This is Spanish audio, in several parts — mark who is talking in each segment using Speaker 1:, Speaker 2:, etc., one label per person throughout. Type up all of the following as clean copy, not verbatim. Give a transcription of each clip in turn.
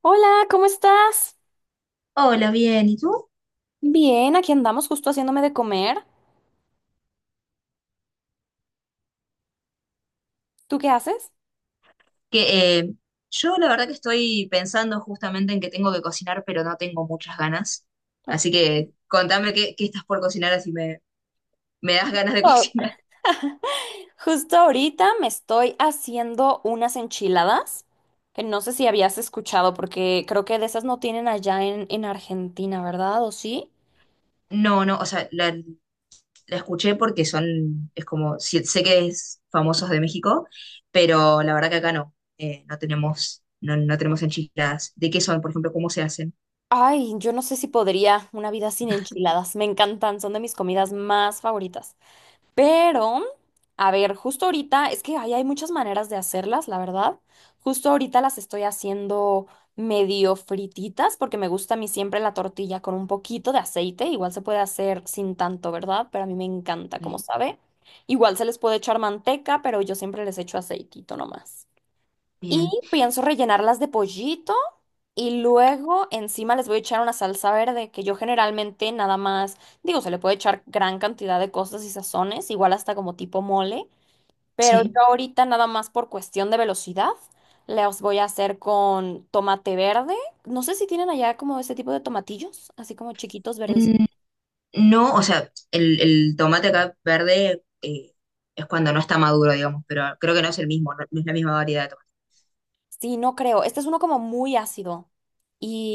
Speaker 1: Hola, ¿cómo estás?
Speaker 2: Hola, bien, ¿y tú?
Speaker 1: Bien, aquí andamos justo haciéndome de comer. ¿Tú qué haces?
Speaker 2: Que yo la verdad que estoy pensando justamente en que tengo que cocinar, pero no tengo muchas ganas.
Speaker 1: Ok.
Speaker 2: Así que contame qué estás por cocinar, así me das ganas de
Speaker 1: Oh.
Speaker 2: cocinar.
Speaker 1: Justo ahorita me estoy haciendo unas enchiladas, que no sé si habías escuchado, porque creo que de esas no tienen allá en Argentina, ¿verdad? ¿O sí?
Speaker 2: No, no, o sea, la escuché porque es como, sí, sé que es famosos de México, pero la verdad que acá no, no tenemos, no tenemos enchiladas. ¿De qué son, por ejemplo, cómo se hacen?
Speaker 1: Ay, yo no sé si podría una vida sin enchiladas. Me encantan, son de mis comidas más favoritas. Pero, a ver, justo ahorita, es que ahí hay muchas maneras de hacerlas, la verdad. Justo ahorita las estoy haciendo medio frititas porque me gusta a mí siempre la tortilla con un poquito de aceite. Igual se puede hacer sin tanto, ¿verdad? Pero a mí me encanta, como
Speaker 2: Ok,
Speaker 1: sabe. Igual se les puede echar manteca, pero yo siempre les echo aceitito nomás. Y
Speaker 2: bien,
Speaker 1: pienso rellenarlas de pollito y luego encima les voy a echar una salsa verde que yo generalmente nada más, digo, se le puede echar gran cantidad de cosas y sazones, igual hasta como tipo mole, pero yo
Speaker 2: sí.
Speaker 1: ahorita nada más por cuestión de velocidad las voy a hacer con tomate verde. No sé si tienen allá como ese tipo de tomatillos, así como chiquitos verdes.
Speaker 2: No, o sea, el tomate acá verde es cuando no está maduro, digamos, pero creo que no es el mismo, no, no es la misma variedad de tomate.
Speaker 1: Sí, no creo. Este es uno como muy ácido.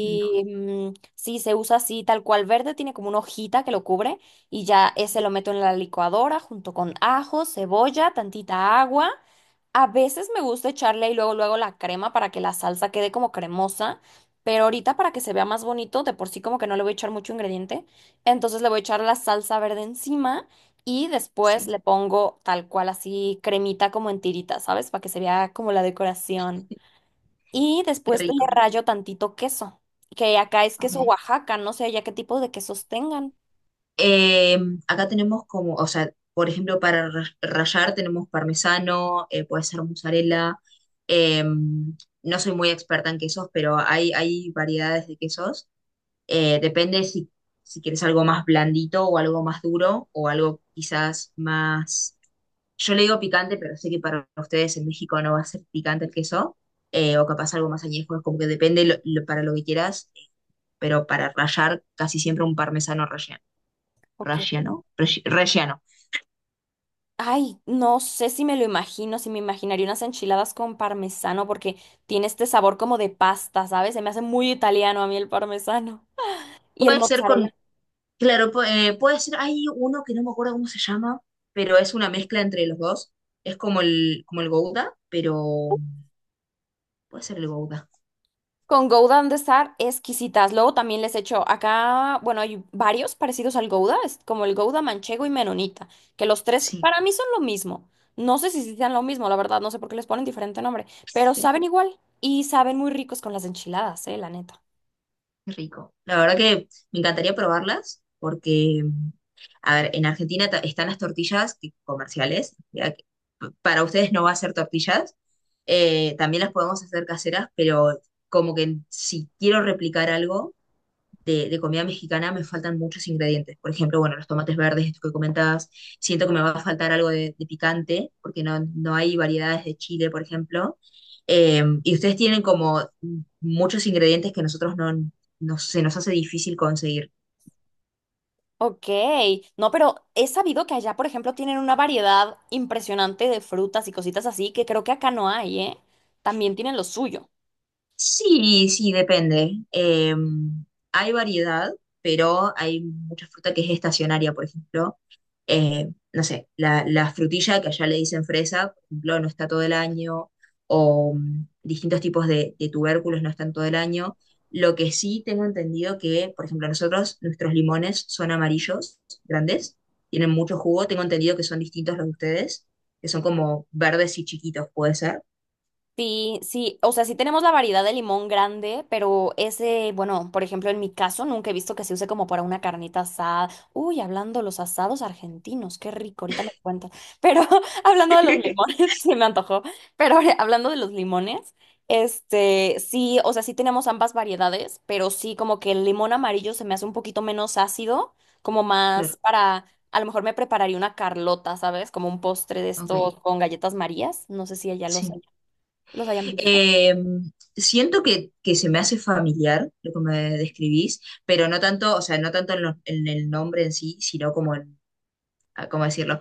Speaker 2: No,
Speaker 1: mm, sí, se usa así, tal cual verde, tiene como una hojita que lo cubre y ya ese
Speaker 2: sí,
Speaker 1: lo meto en la licuadora junto con ajo, cebolla, tantita agua. A veces me gusta echarle y luego luego la crema para que la salsa quede como cremosa, pero ahorita para que se vea más bonito, de por sí como que no le voy a echar mucho ingrediente, entonces le voy a echar la salsa verde encima y después
Speaker 2: sí,
Speaker 1: le pongo tal cual así cremita como en tiritas, ¿sabes? Para que se vea como la decoración. Y
Speaker 2: Qué
Speaker 1: después le
Speaker 2: rico.
Speaker 1: rayo tantito queso, que acá es queso
Speaker 2: Ok.
Speaker 1: Oaxaca, no sé ya qué tipo de quesos tengan.
Speaker 2: Eh, acá tenemos como, o sea, por ejemplo, para rayar tenemos parmesano, puede ser mozzarella. eh, no soy muy experta en quesos, pero hay variedades de quesos. Depende si quieres algo más blandito o algo más duro o algo quizás más. Yo le digo picante, pero sé que para ustedes en México no va a ser picante el queso, o capaz algo más añejo, es como que depende para lo que quieras, pero para rallar casi siempre un parmesano relleno.
Speaker 1: Ok.
Speaker 2: ¿Relleno? Relleno.
Speaker 1: Ay, no sé si me lo imagino, si me imaginaría unas enchiladas con parmesano, porque tiene este sabor como de pasta, ¿sabes? Se me hace muy italiano a mí el parmesano. Y el
Speaker 2: Puede ser con,
Speaker 1: mozzarella.
Speaker 2: claro, puede ser, hay uno que no me acuerdo cómo se llama, pero es una mezcla entre los dos. Es como el Gouda, pero puede ser el Gouda,
Speaker 1: Con Gouda han de estar exquisitas. Luego también les echo acá, bueno, hay varios parecidos al Gouda, es como el Gouda manchego y menonita, que los tres
Speaker 2: sí.
Speaker 1: para mí son lo mismo. No sé si sí sean lo mismo, la verdad, no sé por qué les ponen diferente nombre, pero
Speaker 2: Qué
Speaker 1: saben igual y saben muy ricos con las enchiladas, la neta.
Speaker 2: rico. La verdad que me encantaría probarlas porque A ver, en Argentina están las tortillas comerciales, ya que para ustedes no va a ser tortillas, también las podemos hacer caseras, pero como que si quiero replicar algo de comida mexicana me faltan muchos ingredientes. Por ejemplo, bueno, los tomates verdes, esto que comentabas, siento que me va a faltar algo de picante, porque no hay variedades de chile, por ejemplo. Y ustedes tienen como muchos ingredientes que nosotros no, no se nos hace difícil conseguir.
Speaker 1: Ok, no, pero he sabido que allá, por ejemplo, tienen una variedad impresionante de frutas y cositas así que creo que acá no hay, ¿eh? También tienen lo suyo.
Speaker 2: Sí, sí, depende. Hay variedad, pero hay mucha fruta que es estacionaria, por ejemplo. No sé, la frutilla que allá le dicen fresa, por ejemplo, no está todo el año, o distintos tipos de tubérculos no están todo el año. Lo que sí tengo entendido que, por ejemplo, nuestros limones son amarillos, grandes, tienen mucho jugo. Tengo entendido que son distintos los de ustedes, que son como verdes y chiquitos, puede ser.
Speaker 1: Sí, sí, o sea, sí tenemos la variedad de limón grande, pero ese, bueno, por ejemplo, en mi caso nunca he visto que se use como para una carnita asada. Uy, hablando de los asados argentinos, qué rico, ahorita me cuentas. Pero hablando de los limones, sí me antojó, pero ahora, hablando de los limones, este, sí, o sea, sí tenemos ambas variedades, pero sí como que el limón amarillo se me hace un poquito menos ácido, como
Speaker 2: Claro,
Speaker 1: más para, a lo mejor me prepararía una carlota, ¿sabes? Como un postre de estos
Speaker 2: ok,
Speaker 1: con galletas Marías, no sé si ella los
Speaker 2: sí.
Speaker 1: los hayan visto.
Speaker 2: Eh, siento que, se me hace familiar lo que me describís, pero no tanto, o sea, no tanto en el nombre en sí, sino ah, ¿cómo decirlo?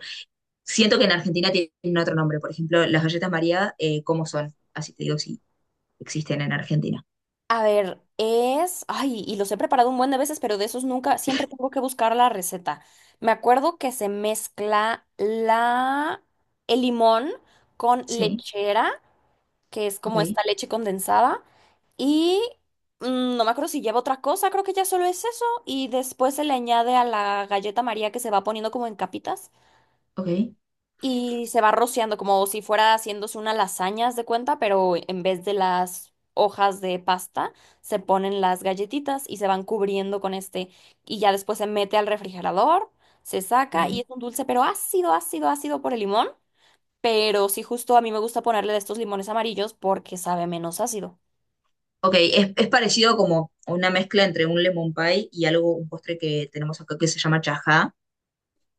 Speaker 2: Siento que en Argentina tienen otro nombre, por ejemplo, las galletas María, ¿cómo son? Así te digo, si existen en Argentina.
Speaker 1: A ver, es, ay, y los he preparado un buen de veces, pero de esos nunca, siempre tengo que buscar la receta. Me acuerdo que se mezcla el limón con
Speaker 2: Sí,
Speaker 1: lechera, que es
Speaker 2: ok,
Speaker 1: como esta leche condensada, y mm, no me acuerdo si lleva otra cosa, creo que ya solo es eso, y después se le añade a la galleta María que se va poniendo como en capitas,
Speaker 2: ok,
Speaker 1: y se va rociando como si fuera haciéndose una lasaña, haz de cuenta, pero en vez de las hojas de pasta, se ponen las galletitas y se van cubriendo con este y ya después se mete al refrigerador, se saca y
Speaker 2: bien.
Speaker 1: es un dulce, pero ácido, ácido, ácido por el limón. Pero sí, justo a mí me gusta ponerle de estos limones amarillos porque sabe menos ácido.
Speaker 2: Ok, es parecido como una mezcla entre un lemon pie y algo, un postre que tenemos acá que se llama chajá,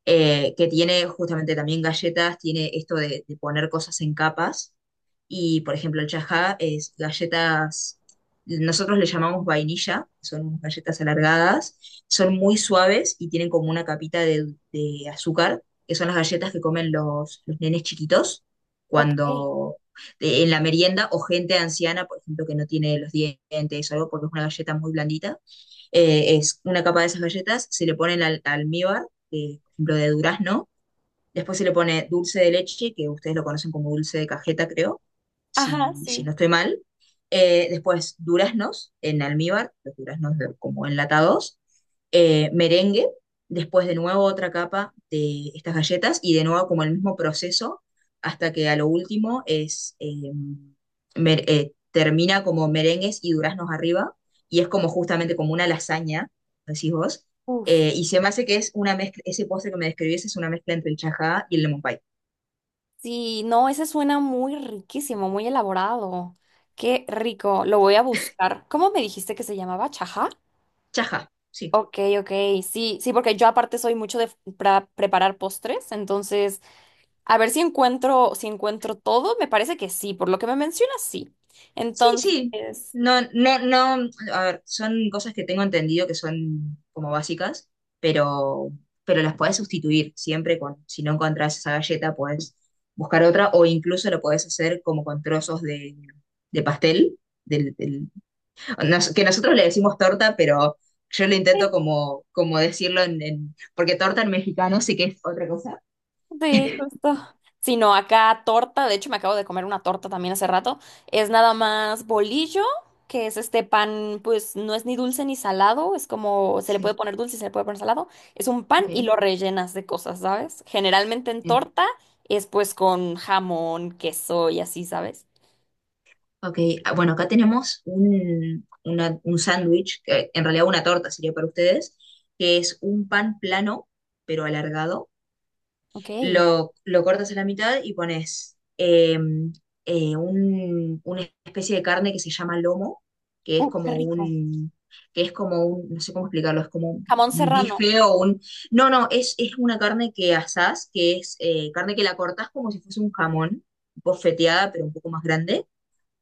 Speaker 2: que tiene justamente también galletas, tiene esto de poner cosas en capas. Y, por ejemplo, el chajá es galletas, nosotros le llamamos vainilla, son unas galletas alargadas, son muy suaves y tienen como una capita de azúcar, que son las galletas que comen los nenes chiquitos
Speaker 1: Ok.
Speaker 2: cuando en la merienda o gente anciana, por ejemplo, que no tiene los dientes o algo, porque es una galleta muy blandita. Es una capa de esas galletas, se le pone el almíbar, por ejemplo, de durazno. Después se le pone dulce de leche, que ustedes lo conocen como dulce de cajeta, creo,
Speaker 1: Ajá,
Speaker 2: si no
Speaker 1: sí.
Speaker 2: estoy mal. Después duraznos en almíbar, los duraznos como enlatados. Merengue, después de nuevo otra capa de estas galletas y de nuevo como el mismo proceso hasta que a lo último termina como merengues y duraznos arriba y es como justamente como una lasaña, decís vos,
Speaker 1: Uf.
Speaker 2: y se me hace que es una mezcla, ese postre que me describís es una mezcla entre el chajá y el lemon pie.
Speaker 1: Sí, no, ese suena muy riquísimo, muy elaborado. Qué rico. Lo voy a buscar. ¿Cómo me dijiste que se llamaba? ¿Chaja?
Speaker 2: Chajá, sí.
Speaker 1: Ok, ok, sí, sí, porque yo aparte soy mucho de preparar postres, entonces a ver si encuentro, si encuentro todo, me parece que sí, por lo que me mencionas, sí.
Speaker 2: Sí, sí.
Speaker 1: Entonces,
Speaker 2: No, no, no. A ver, son cosas que tengo entendido que son como básicas, pero, pero las podés sustituir siempre con, si no encontrás esa galleta, podés buscar otra, o incluso lo podés hacer como con trozos de pastel, del, del- que nosotros le decimos torta, pero yo lo intento como decirlo porque torta en mexicano sí que es otra cosa.
Speaker 1: sí, justo. Sino acá torta, de hecho me acabo de comer una torta también hace rato. Es nada más bolillo, que es este pan, pues no es ni dulce ni salado, es como se le puede
Speaker 2: Sí,
Speaker 1: poner dulce y se le puede poner salado. Es un pan
Speaker 2: ok,
Speaker 1: y lo rellenas de cosas, ¿sabes? Generalmente en
Speaker 2: bien.
Speaker 1: torta es pues con jamón, queso y así, ¿sabes?
Speaker 2: Ok, ah, bueno, acá tenemos un sándwich, que en realidad una torta sería para ustedes, que es un pan plano, pero alargado.
Speaker 1: Ok.
Speaker 2: Lo cortas a la mitad y pones una especie de carne que se llama lomo, que es
Speaker 1: Qué
Speaker 2: como
Speaker 1: rico.
Speaker 2: un, que es como un, no sé cómo explicarlo, es como un,
Speaker 1: Jamón
Speaker 2: un
Speaker 1: serrano.
Speaker 2: bife o un... No, no, es una carne que asás, que es carne que la cortás como si fuese un jamón, bofeteada, pero un poco más grande.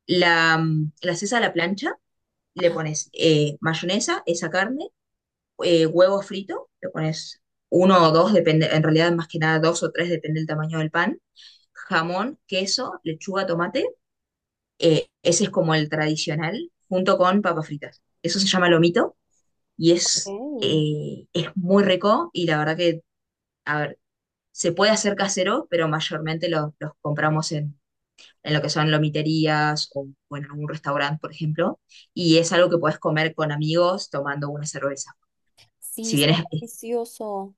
Speaker 2: La haces a la plancha, le
Speaker 1: Ah,
Speaker 2: pones mayonesa, esa carne huevo frito, le pones uno o dos, depende, en realidad más que nada dos o tres, depende del tamaño del pan, jamón, queso, lechuga, tomate, ese es como el tradicional, junto con papas fritas. Eso se llama lomito y es,
Speaker 1: ok.
Speaker 2: eh, es muy rico y la verdad que, a ver, se puede hacer casero, pero mayormente los compramos en, lo que son lomiterías o, en algún restaurante, por ejemplo, y es algo que puedes comer con amigos tomando una cerveza. Si
Speaker 1: Sí,
Speaker 2: bien
Speaker 1: suena delicioso.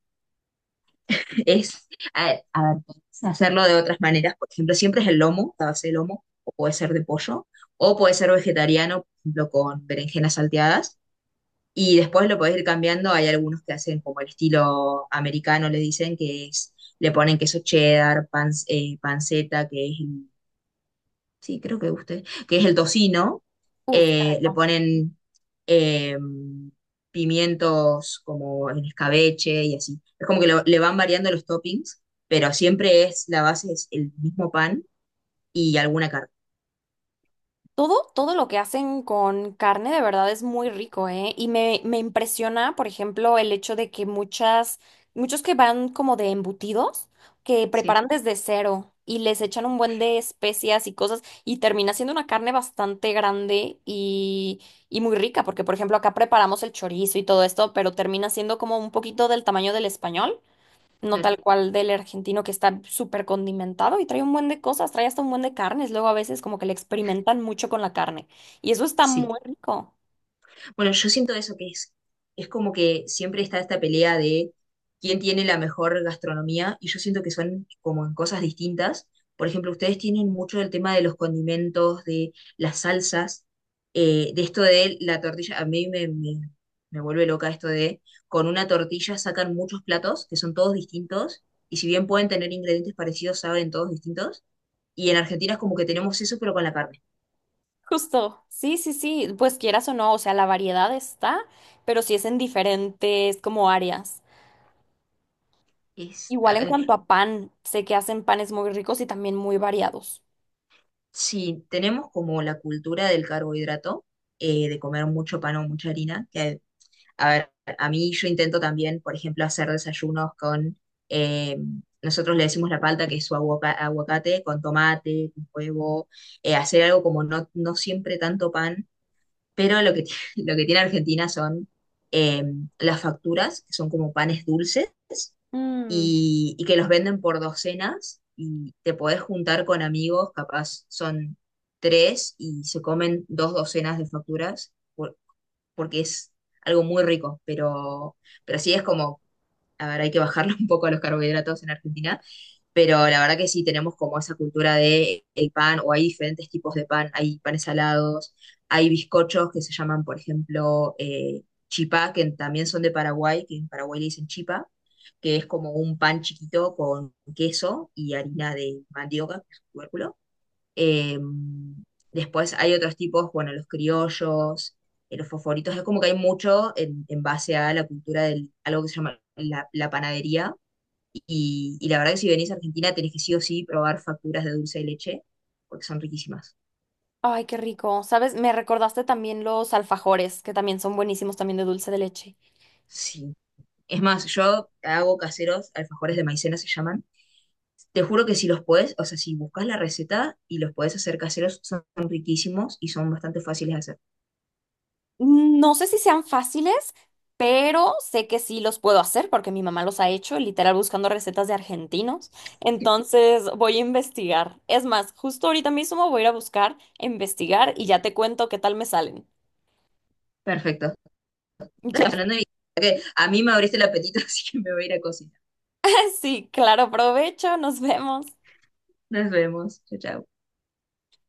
Speaker 2: es, a ver, puedes hacerlo de otras maneras. Por ejemplo, siempre es el lomo, la base de lomo, o puede ser de pollo, o puede ser vegetariano, por ejemplo, con berenjenas salteadas. Y después lo podés ir cambiando. Hay algunos que hacen como el estilo americano, le dicen que es, le ponen queso cheddar, panceta, que es sí, creo que usted, que es el tocino,
Speaker 1: Uf, qué
Speaker 2: le
Speaker 1: rico.
Speaker 2: ponen eh, pimientos como en escabeche y así. Es como que le van variando los toppings, pero siempre la base es el mismo pan y alguna carne.
Speaker 1: Todo, todo lo que hacen con carne de verdad es muy rico, ¿eh? Y me impresiona, por ejemplo, el hecho de que muchos que van como de embutidos, que
Speaker 2: Sí,
Speaker 1: preparan desde cero y les echan un buen de especias y cosas y termina siendo una carne bastante grande y muy rica, porque por ejemplo acá preparamos el chorizo y todo esto, pero termina siendo como un poquito del tamaño del español no tal
Speaker 2: claro,
Speaker 1: cual del argentino que está súper condimentado y trae un buen de cosas, trae hasta un buen de carnes. Luego a veces como que le experimentan mucho con la carne y eso está
Speaker 2: sí.
Speaker 1: muy rico.
Speaker 2: Bueno, yo siento eso que es como que siempre está esta pelea de quién tiene la mejor gastronomía y yo siento que son como en cosas distintas. Por ejemplo, ustedes tienen mucho del tema de los condimentos, de las salsas, de esto de la tortilla. A mí me vuelve loca esto de con una tortilla sacan muchos platos que son todos distintos y si bien pueden tener ingredientes parecidos, saben todos distintos. Y en Argentina es como que tenemos eso, pero con la carne.
Speaker 1: Justo, sí, sí, sí, pues quieras o no, o sea, la variedad está, pero sí es en diferentes como áreas.
Speaker 2: Es,
Speaker 1: Igual en cuanto a pan, sé que hacen panes muy ricos y también muy variados.
Speaker 2: si tenemos como la cultura del carbohidrato, de comer mucho pan o mucha harina, que a ver, a mí yo intento también, por ejemplo, hacer desayunos eh, nosotros le decimos la palta, que es su aguacate, con tomate, con huevo, hacer algo como no siempre tanto pan, pero lo que tiene Argentina son eh, las facturas, que son como panes dulces,
Speaker 1: Mm.
Speaker 2: y que los venden por docenas y te podés juntar con amigos, capaz son tres y se comen dos docenas de facturas porque es algo muy rico, pero sí es como, a ver, hay que bajarle un poco a los carbohidratos en Argentina pero la verdad que sí tenemos como esa cultura de el pan, o hay diferentes tipos de pan, hay panes salados, hay bizcochos que se llaman, por ejemplo, chipá, que también son de Paraguay, que en Paraguay le dicen chipa, que es como un pan chiquito con queso y harina de mandioca, que es un tubérculo. Eh, después hay otros tipos, bueno, los criollos, los fosforitos, es como que hay mucho en, base a la cultura de algo que se llama la panadería y la verdad que si venís a Argentina tenés que sí o sí probar facturas de dulce de leche, porque son riquísimas.
Speaker 1: Ay, qué rico. ¿Sabes? Me recordaste también los alfajores, que también son buenísimos también de dulce de leche.
Speaker 2: Sí. Es más, yo hago caseros, alfajores de maicena se llaman. Te juro que si los podés, o sea, si buscas la receta y los podés hacer caseros, son riquísimos y son bastante fáciles de hacer.
Speaker 1: No sé si sean fáciles, pero sé que sí los puedo hacer porque mi mamá los ha hecho, literal buscando recetas de argentinos. Entonces voy a investigar. Es más, justo ahorita mismo voy a ir a buscar, a investigar y ya te cuento qué tal me salen.
Speaker 2: Perfecto.
Speaker 1: Ya,
Speaker 2: Hablando de- que A mí me abriste el apetito, así que me voy a ir a cocinar.
Speaker 1: sí, claro, provecho, nos vemos.
Speaker 2: Nos vemos. Chao, chao.